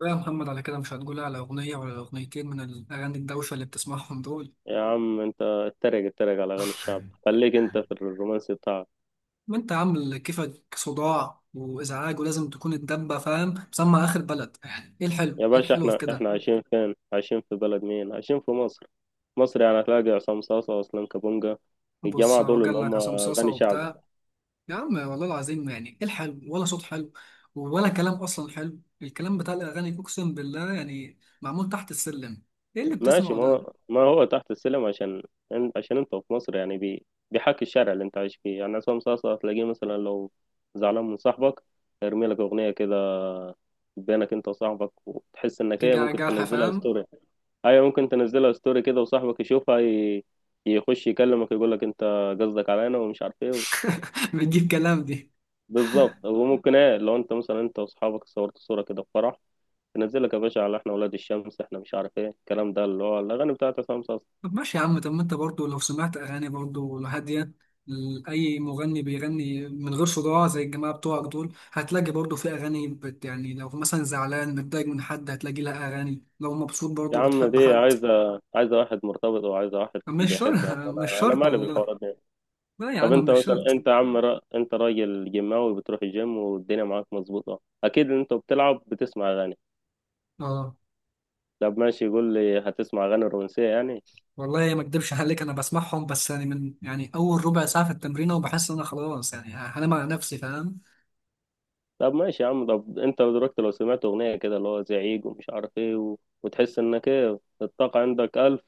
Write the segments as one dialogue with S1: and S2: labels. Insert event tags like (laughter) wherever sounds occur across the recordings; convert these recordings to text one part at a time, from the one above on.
S1: لا يا محمد، على كده مش هتقول على أغنية ولا أغنيتين من الأغاني الدوشة اللي بتسمعهم دول؟
S2: يا عم انت اتريق على اغاني الشعب،
S1: (laughs)
S2: خليك انت في الرومانسي بتاعك.
S1: ما أنت عامل كيفك صداع وإزعاج، ولازم تكون الدبة فاهم مسمع آخر بلد. إيه الحلو؟
S2: يا
S1: إيه
S2: باشا
S1: الحلو في
S2: احنا
S1: كده؟
S2: احنا عايشين فين؟ عايشين في بلد مين؟ عايشين في مصر. مصر يعني هتلاقي عصام صاصا واسلام كابونجا.
S1: بص،
S2: الجماعة
S1: هو
S2: دول اللي
S1: جال
S2: هم
S1: لك عصام صاصة
S2: غني شعبي.
S1: وبتاع. يا عم والله العظيم، يعني إيه الحلو؟ ولا صوت حلو ولا كلام أصلا حلو. الكلام بتاع الأغاني أقسم بالله يعني معمول تحت السلم. إيه اللي
S2: ماشي،
S1: بتسمعه
S2: ما
S1: ده؟
S2: هو ما هو تحت السلم عشان انت في مصر. يعني بيحكي الشارع اللي انت عايش فيه. يعني عصام صاصا هتلاقيه مثلا لو زعلان من صاحبك، يرمي لك اغنية كده بينك انت وصاحبك، وتحس انك ايه،
S1: تيجي على
S2: ممكن
S1: جرح
S2: تنزلها
S1: فاهم.
S2: ستوري. ايوه، ممكن تنزلها ستوري كده وصاحبك يشوفها، يخش يكلمك يقول لك انت قصدك علينا ومش عارف ايه.
S1: (laughs) بتجيب كلام.
S2: بالظبط. وممكن ايه، لو انت مثلا انت واصحابك صورت صورة كده في فرح، تنزلك يا باشا على احنا ولاد الشمس احنا، مش عارف ايه الكلام ده اللي هو الاغاني بتاعت عصام صاصا.
S1: طب ماشي يا عم، طب ما انت برضو لو سمعت اغاني برضو هاديه. اي مغني بيغني من غير صداع زي الجماعه بتوعك دول هتلاقي برضو في اغاني بت، يعني لو مثلا زعلان متضايق من حد هتلاقي لها اغاني، لو مبسوط
S2: يا
S1: برضو
S2: عم
S1: بتحب
S2: دي
S1: حد.
S2: عايزة واحد مرتبط، وعايزة واحد
S1: مش
S2: بيحب يا
S1: شرط.
S2: عم.
S1: (laughs) مش
S2: انا
S1: شرط
S2: مالي
S1: والله.
S2: بالحوارات دي.
S1: لا يا
S2: طب
S1: عم،
S2: انت
S1: مش
S2: مثلا
S1: شرط.
S2: انت يا عم، انت راجل جيماوي بتروح الجيم والدنيا معاك مظبوطة، اكيد انت بتلعب بتسمع اغاني.
S1: اه
S2: طب ماشي، يقول لي هتسمع اغاني رومانسية يعني؟
S1: والله ما اكدبش عليك، انا بسمعهم بس يعني من، يعني اول ربع ساعه في التمرين، وبحس ان انا خلاص يعني هنام على نفسي فاهم.
S2: طب ماشي يا عم، طب انت دلوقتي لو سمعت اغنيه كده اللي هو زعيق ومش عارف ايه وتحس انك ايه، الطاقه عندك الف،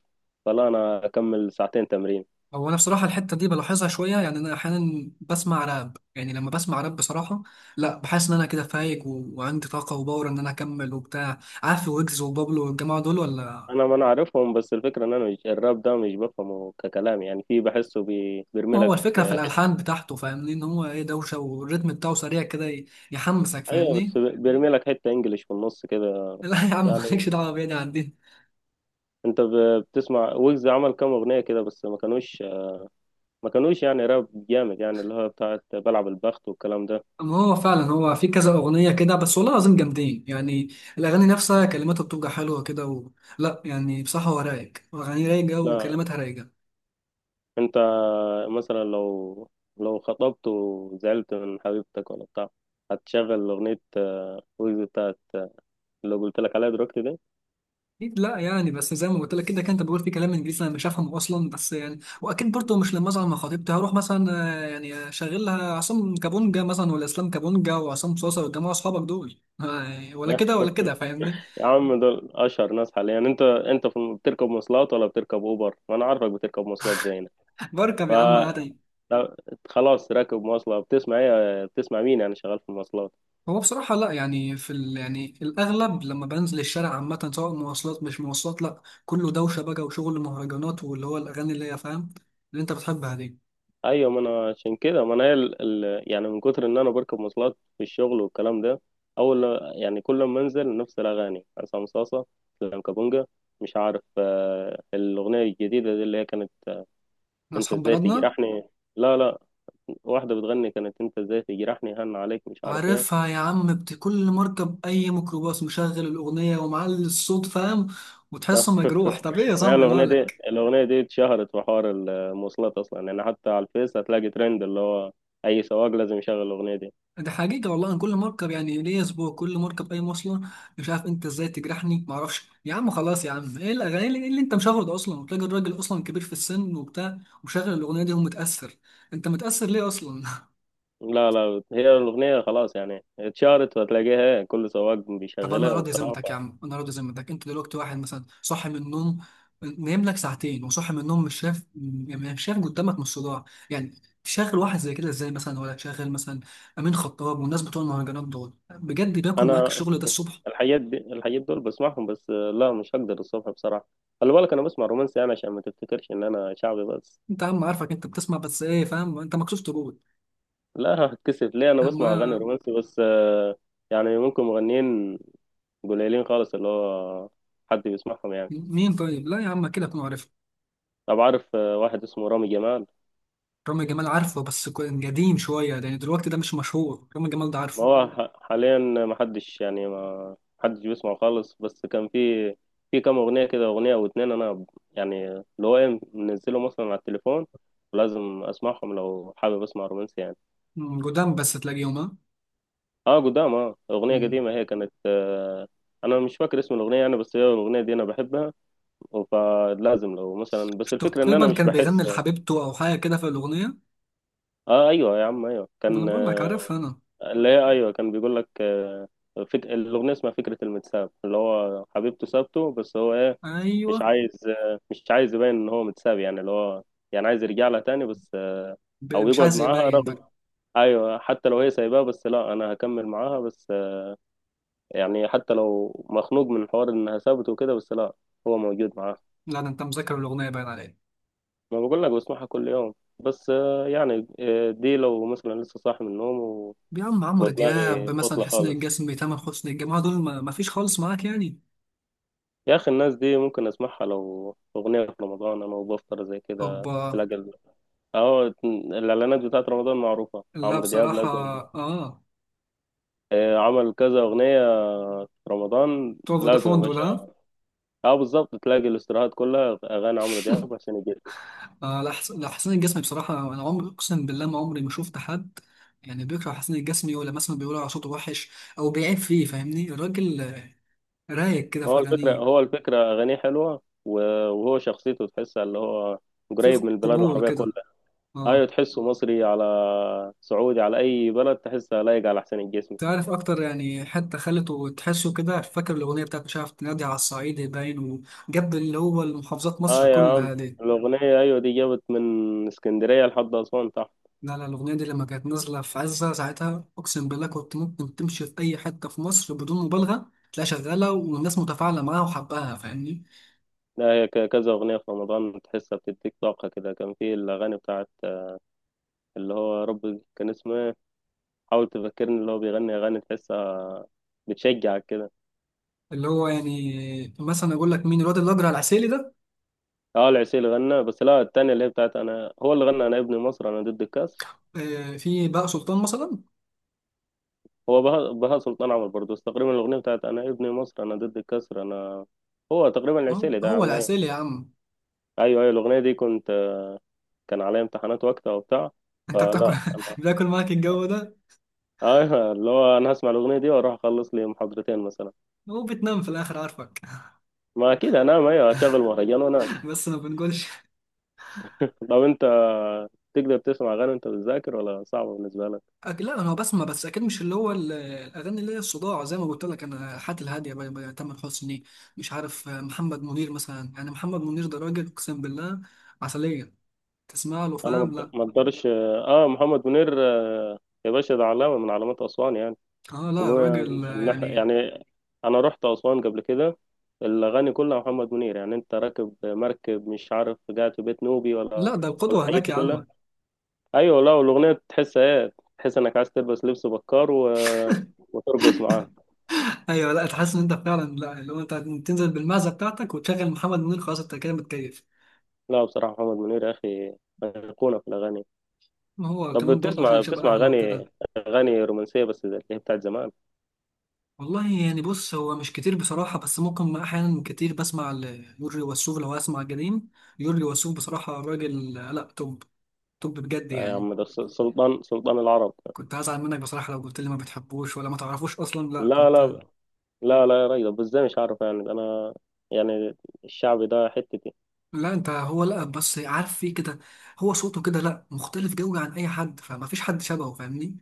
S2: فلا انا اكمل ساعتين تمرين.
S1: هو انا بصراحه الحته دي بلاحظها شويه يعني. انا احيانا بسمع راب، يعني لما بسمع راب بصراحه لا، بحس ان انا كده فايق وعندي طاقه وباور ان انا اكمل وبتاع. عارف ويجز وبابلو والجماعه دول ولا؟
S2: انا، ما انا عارفهم، بس الفكره ان انا مش، الراب ده مش بفهمه ككلام. يعني في، بحسه
S1: ما هو
S2: بيرملك
S1: الفكره في
S2: آه،
S1: الالحان بتاعته فاهمني، ان هو ايه دوشه، والريتم بتاعه سريع كده يحمسك
S2: ايوه بس
S1: فاهمني.
S2: بيرملك حته انجليش في النص كده.
S1: (laughs) لا يا عم،
S2: يعني
S1: مالكش دعوه بيا، دي عندنا.
S2: انت بتسمع ويجز عمل كام اغنيه كده بس ما كانوش يعني راب جامد، يعني اللي هو بتاعت بلعب البخت والكلام ده.
S1: اما هو فعلا هو في كذا اغنيه كده بس، والله العظيم جامدين يعني. الاغاني نفسها كلماتها بتبقى حلوه كده لا يعني بصراحه هو رايق، اغاني رايقه
S2: لا
S1: وكلماتها رايقه.
S2: انت مثلا لو خطبت وزعلت من حبيبتك ولا بتاع، هتشغل اغنية آه، ويجز بتاعت اللي قلت لك عليها دلوقتي دي.
S1: اكيد لا يعني، بس زي ما قلت لك كده، كان انت بقول في كلام انجليزي انا مش هفهمه اصلا، بس يعني واكيد برضه مش لما اصعد مع خطيبتي هروح مثلا يعني شغل لها عصام كابونجا مثلا ولا اسلام كابونجا وعصام صوصه والجماعه اصحابك دول، ولا
S2: يا
S1: كده ولا كده فاهمني.
S2: يا عم دول اشهر ناس حاليا يعني. انت بتركب مواصلات ولا بتركب اوبر؟ ما انا عارفك بتركب مواصلات زينا.
S1: بركب
S2: ف
S1: يا عم عادي.
S2: طب خلاص، راكب مواصلة بتسمع ايه، بتسمع مين يعني، شغال في المواصلات؟
S1: هو بصراحة لا، يعني يعني الأغلب لما بنزل الشارع عامة، سواء مواصلات مش مواصلات، لا كله دوشة بقى، وشغل مهرجانات، واللي هو الأغاني اللي هي فاهم، اللي أنت بتحبها دي.
S2: ايوه، ما انا عشان كده، ما انا هي يعني من كتر ان انا بركب مواصلات في الشغل والكلام ده، اول يعني كل ما انزل نفس الاغاني، عصام صاصه، اسلام كابونجا، مش عارف آه، الاغنيه الجديده دي اللي هي كانت آه، انت
S1: أصحاب
S2: ازاي
S1: بلدنا.
S2: تجرحني. لا واحده بتغني، كانت انت ازاي تجرحني، هن عليك، مش عارف ايه.
S1: عارفها يا عم. كل مركب اي ميكروباص مشغل الاغنيه ومعلي الصوت فاهم،
S2: (laughs) لا.
S1: وتحسه مجروح. طب ايه يا
S2: هي
S1: صاحبي
S2: الاغنيه دي،
S1: مالك؟
S2: الاغنيه دي اتشهرت في حوار المواصلات اصلا. يعني حتى على الفيس هتلاقي ترند اللي هو اي سواق لازم يشغل الاغنيه دي.
S1: ده حقيقه والله، انا كل مركب يعني ليا اسبوع كل مركب اي مواصله، مش عارف انت ازاي تجرحني. معرفش يا عم، خلاص يا عم. ايه الاغاني اللي انت مشغله ده اصلا؟ وتلاقي الراجل اصلا كبير في السن وبتاع ومشغل الاغنيه دي ومتاثر. انت متاثر ليه اصلا؟ (laughs)
S2: لا لا، هي الأغنية خلاص يعني اتشهرت وهتلاقيها كل سواق
S1: طب انا
S2: بيشغلها
S1: راضي
S2: وبتاع.
S1: ذمتك يا عم، انا راضي ذمتك، انت دلوقتي واحد مثلا صاحي من النوم، نايم لك ساعتين وصاحي من النوم، مش شايف مش شايف قدامك نص صداع، يعني تشغل واحد زي كده ازاي مثلا؟ ولا تشغل مثلا امين خطاب والناس بتوع المهرجانات دول، بجد بياكل معاك
S2: أنا
S1: الشغل ده الصبح.
S2: الحاجات دي، الحاجات دول بسمعهم بس آه، لا مش هقدر الصبح بصراحة. خلي بالك أنا بسمع رومانسي أنا، عشان ما تفتكرش إن أنا شعبي بس.
S1: انت يا عم عارفك انت بتسمع بس ايه فاهم، انت مكسوف تقول.
S2: لا هتكسف ليه، أنا بسمع أغاني
S1: اما
S2: رومانسي بس آه، يعني ممكن مغنيين قليلين خالص اللي هو حد بيسمعهم يعني.
S1: مين طيب؟ لا يا عم، كده اكون عارف.
S2: طب عارف آه، واحد اسمه رامي جمال؟
S1: رامي جمال عارفه، بس كان قديم شويه، لان دلوقتي ده مش مشهور رامي جمال ده،
S2: ما
S1: عارفه.
S2: هو حاليا ما حدش، يعني ما حدش بيسمع خالص، بس كان في، في كام اغنيه كده، اغنيه او اتنين يعني اللي هو ايه، منزلهم مثلا على التليفون، ولازم اسمعهم لو حابب اسمع رومانسي يعني.
S1: م، قدام بس تلاقيهم.
S2: اه قدام، اه اغنيه
S1: ها.
S2: قديمه، هي كانت آه، انا مش فاكر اسم الاغنيه يعني، بس هي الاغنيه دي انا بحبها، فلازم لو مثلا، بس الفكره ان انا
S1: تقريبا
S2: مش
S1: كان
S2: بحس.
S1: بيغني لحبيبته او حاجه كده في الاغنيه.
S2: اه ايوه يا عم، ايوه
S1: ما انا
S2: كان
S1: بقول لك
S2: آه،
S1: عارفها انا.
S2: اللي هي ايوه كان بيقول لك آه، الاغنيه اسمها فكره المتساب، اللي هو حبيبته سابته بس هو ايه، مش
S1: ايوه.
S2: عايز آه، مش عايز يبين ان هو متساب، يعني اللي هو يعني عايز يرجع لها تاني بس آه، او
S1: مش
S2: يقعد
S1: عايز
S2: معاها
S1: يبين بقى.
S2: رغم، ايوه حتى لو هي سايباه بس لا انا هكمل معاها بس آه، يعني حتى لو مخنوق من حوار انها سابته وكده، بس لا هو موجود معاها.
S1: لا ده انت مذاكر الاغنيه باين عليك.
S2: ما بقول لك بسمعها كل يوم، بس آه، يعني آه، دي لو مثلا لسه صاحي من النوم
S1: يا عم عمرو دياب
S2: ودماغي
S1: مثلا،
S2: فاصله
S1: حسين
S2: خالص.
S1: الجسمي، تامر حسني، الجماعه دول ما فيش خالص معاك يعني؟
S2: يا اخي الناس دي ممكن اسمعها لو اغنيه في رمضان انا وبفطر زي كده،
S1: اوبا.
S2: تلاقي اهو الاعلانات بتاعت رمضان معروفه،
S1: لا
S2: عمرو دياب
S1: بصراحه،
S2: لازم
S1: اه.
S2: آه، عمل كذا اغنيه في رمضان
S1: بتوع
S2: لازم يا
S1: فودافون دول،
S2: باشا.
S1: ها؟
S2: اه بالظبط، تلاقي الاستراحات كلها اغاني عمرو دياب عشان يجيب.
S1: آه لا، حسين الجسمي بصراحه انا عمري، اقسم بالله ما عمري ما شفت حد يعني بيكره حسين الجسمي، ولا مثلا بيقول على صوته وحش او بيعيب فيه فاهمني. الراجل رايق كده في
S2: هو الفكره
S1: اغانيه،
S2: هو الفكره اغانيه حلوه، و- وهو شخصيته تحسها اللي هو
S1: في
S2: قريب من البلاد
S1: قبول
S2: العربيه
S1: كده،
S2: كلها. ايوه
S1: اه.
S2: تحسه مصري، على سعودي، على اي بلد تحسها لايق على حسين الجسمي.
S1: تعرف اكتر يعني، حتى خلته تحسه كده. فاكر الاغنيه بتاعت مش عارف، تنادي على الصعيد باين، وجاب اللي هو المحافظات
S2: اه
S1: مصر
S2: يا عم،
S1: كلها دي.
S2: الأغنية أيوة دي جابت من اسكندرية لحد أسوان تحت.
S1: لا الاغنيه دي لما كانت نازله في عزه ساعتها، اقسم بالله كنت ممكن تمشي في اي حته في مصر بدون مبالغه تلاقيها شغاله والناس متفاعله معاها وحباها فاهمني.
S2: لا هي، كذا أغنية في رمضان تحسها بتديك طاقة كده. كان في الأغاني بتاعت اللي هو يا رب كان اسمه إيه، حاول تفكرني، اللي هو بيغني أغاني تحسها بتشجعك كده.
S1: اللي هو يعني مثلا اقول لك مين، الواد الاجرع العسيلي ده.
S2: اه العسيل غنى، بس لا التانية اللي هي بتاعت أنا، هو اللي غنى أنا ابن مصر أنا ضد الكسر.
S1: في بقى سلطان مثلا.
S2: هو بهاء سلطان عمر برضه، بس تقريبا الأغنية بتاعت أنا ابن مصر أنا ضد الكسر أنا، هو تقريبا
S1: هو
S2: العسيلي ده يا
S1: هو
S2: عم،
S1: العسيلي
S2: أيوة.
S1: يا عم.
S2: أيوة الأغنية دي كنت، كان عليا امتحانات وقتها وبتاع،
S1: انت بتاكل.
S2: فلا
S1: (laughs) بتاكل معاك الجو ده.
S2: اه، ايوه اللي هو انا هسمع الاغنيه دي واروح اخلص لي محاضرتين مثلا.
S1: هو بتنام في الاخر عارفك.
S2: ما اكيد انام، ايوه هشغل مهرجان وانام.
S1: (laughs) بس ما بنقولش.
S2: طب انت تقدر تسمع اغاني وانت بتذاكر، ولا صعبه بالنسبه لك؟
S1: لا انا بسمع، بس اكيد مش اللي هو الاغاني اللي هي الصداع، زي ما قلت لك انا حياتي الهاديه بقى. تامر حسني، مش عارف، محمد منير مثلا. يعني محمد منير ده راجل اقسم بالله عسليه، تسمع له
S2: انا
S1: فاهم
S2: ما
S1: لا.
S2: ما اقدرش. اه محمد منير آه، يا باشا ده علامه من علامات اسوان يعني.
S1: اه لا
S2: وبما
S1: راجل، يعني.
S2: يعني انا رحت اسوان قبل كده، الاغاني كلها محمد منير. يعني انت راكب مركب مش عارف، قاعد في بيت نوبي، ولا
S1: لا ده
S2: ولا
S1: القدوه
S2: الحاجات
S1: هناك
S2: دي
S1: يا
S2: كلها.
S1: عم.
S2: ايوه لا، والاغنيه تحس ايه، تحس انك عايز تلبس لبس بكار وترقص معاه.
S1: ايوه لا تحس ان انت فعلا، لا اللي هو انت تنزل بالمعزه بتاعتك وتشغل محمد منير، خلاص انت كده متكيف.
S2: لا بصراحة محمد منير يا أخي أيقونة في الأغاني.
S1: ما هو
S2: طب
S1: كمان برضه
S2: بتسمع
S1: عشان شبه
S2: بتسمع
S1: اهله وكده.
S2: أغاني، أغاني رومانسية بس زي اللي هي بتاعت زمان؟
S1: والله يعني بص هو مش كتير بصراحة، بس ممكن أحيانا كتير بسمع ليورجي وسوف، لو هسمع جديد يورجي وسوف. بصراحة راجل لا، توب توب بجد
S2: آه يا
S1: يعني.
S2: عم، ده سلطان سلطان العرب.
S1: كنت هزعل منك بصراحة لو قلت لي ما بتحبوش ولا ما تعرفوش أصلا، لا
S2: لا
S1: كنت.
S2: لا، لا لا يا راجل، طب إزاي، مش عارف يعني ده أنا يعني الشعبي ده حتتي.
S1: لا أنت هو لا بس عارف فيه كده، هو صوته كده لا مختلف جوي عن أي حد، فما فيش حد شبهه فاهمني.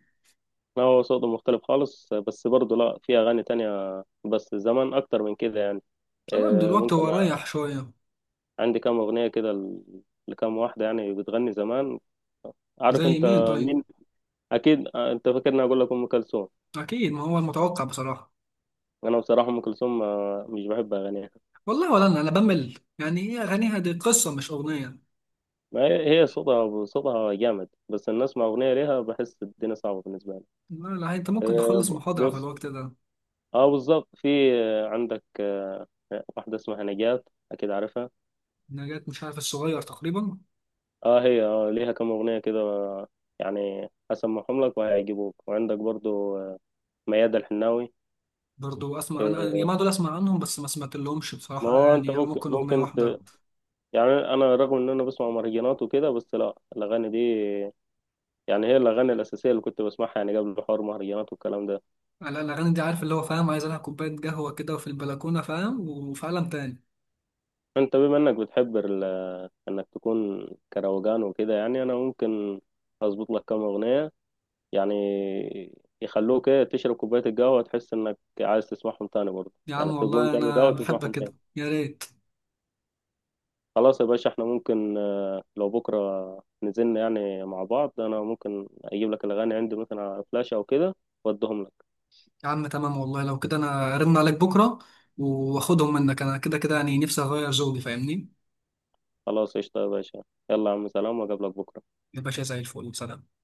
S2: أنا هو صوته مختلف خالص، بس برضه لا في أغاني تانية، بس زمان أكتر من كده يعني.
S1: لا
S2: آه،
S1: دلوقتي
S2: ممكن،
S1: هو رايح شوية.
S2: عندي كام أغنية كده لكام واحدة يعني بتغني زمان، عارف
S1: زي
S2: أنت
S1: مين طيب؟
S2: مين؟ أكيد آه أنت فاكرني أقول لك أم كلثوم.
S1: أكيد ما هو المتوقع بصراحة.
S2: انا بصراحه ام كلثوم مش بحب اغانيها.
S1: والله ولا أنا، أنا بمل يعني، هي أغانيها دي قصة مش أغنية.
S2: ما هي هي صوتها جامد، بس ان اسمع اغنيه ليها بحس الدنيا صعبه بالنسبه لي.
S1: لا انت ممكن
S2: أه،
S1: تخلص محاضرة في
S2: بص،
S1: الوقت ده.
S2: اه بالظبط، في آه، عندك آه، واحده اسمها نجاة، اكيد عارفها.
S1: نجاة مش عارف، الصغير تقريبا.
S2: اه هي اه ليها كم اغنيه كده آه، يعني هسمعهم لك وهيعجبوك. وعندك برضو آه، ميادة الحناوي
S1: برضو اسمع انا
S2: آه،
S1: الجماعة دول، اسمع عنهم بس ما سمعت لهمش
S2: ما
S1: بصراحة
S2: هو انت
S1: اغاني، او
S2: ممكن
S1: ممكن اغنية واحدة.
S2: يعني انا رغم ان انا بسمع مهرجانات وكده، بس لا الاغاني دي يعني هي الأغاني الأساسية اللي كنت بسمعها يعني قبل حوار مهرجانات والكلام ده.
S1: لا، الاغاني دي عارف اللي هو فاهم عايز لها كوباية قهوة كده وفي البلكونة فاهم، وفي عالم تاني.
S2: أنت بما إنك بتحب إنك تكون كروجان وكده، يعني أنا ممكن أظبط لك كام أغنية يعني يخلوك إيه تشرب كوباية القهوة تحس إنك عايز تسمعهم تاني، برضه
S1: يا عم
S2: يعني تقوم
S1: والله
S2: تعمل
S1: انا
S2: قهوة
S1: بحبك
S2: تسمعهم تاني.
S1: كده، يا ريت.
S2: خلاص يا باشا، إحنا ممكن آه، لو بكرة نزلنا يعني مع بعض، أنا ممكن أجيب لك الأغاني عندي مثلا على فلاشة أو كده وأديهم لك.
S1: يا عم تمام والله، لو كده انا ارن عليك بكرة واخدهم منك، انا كده كده يعني نفسي اغير ذوقي فاهمني.
S2: خلاص قشطة يا باشا، يلا يا عم سلام، وأقابلك بكرة.
S1: يا باشا زي الفل، سلام.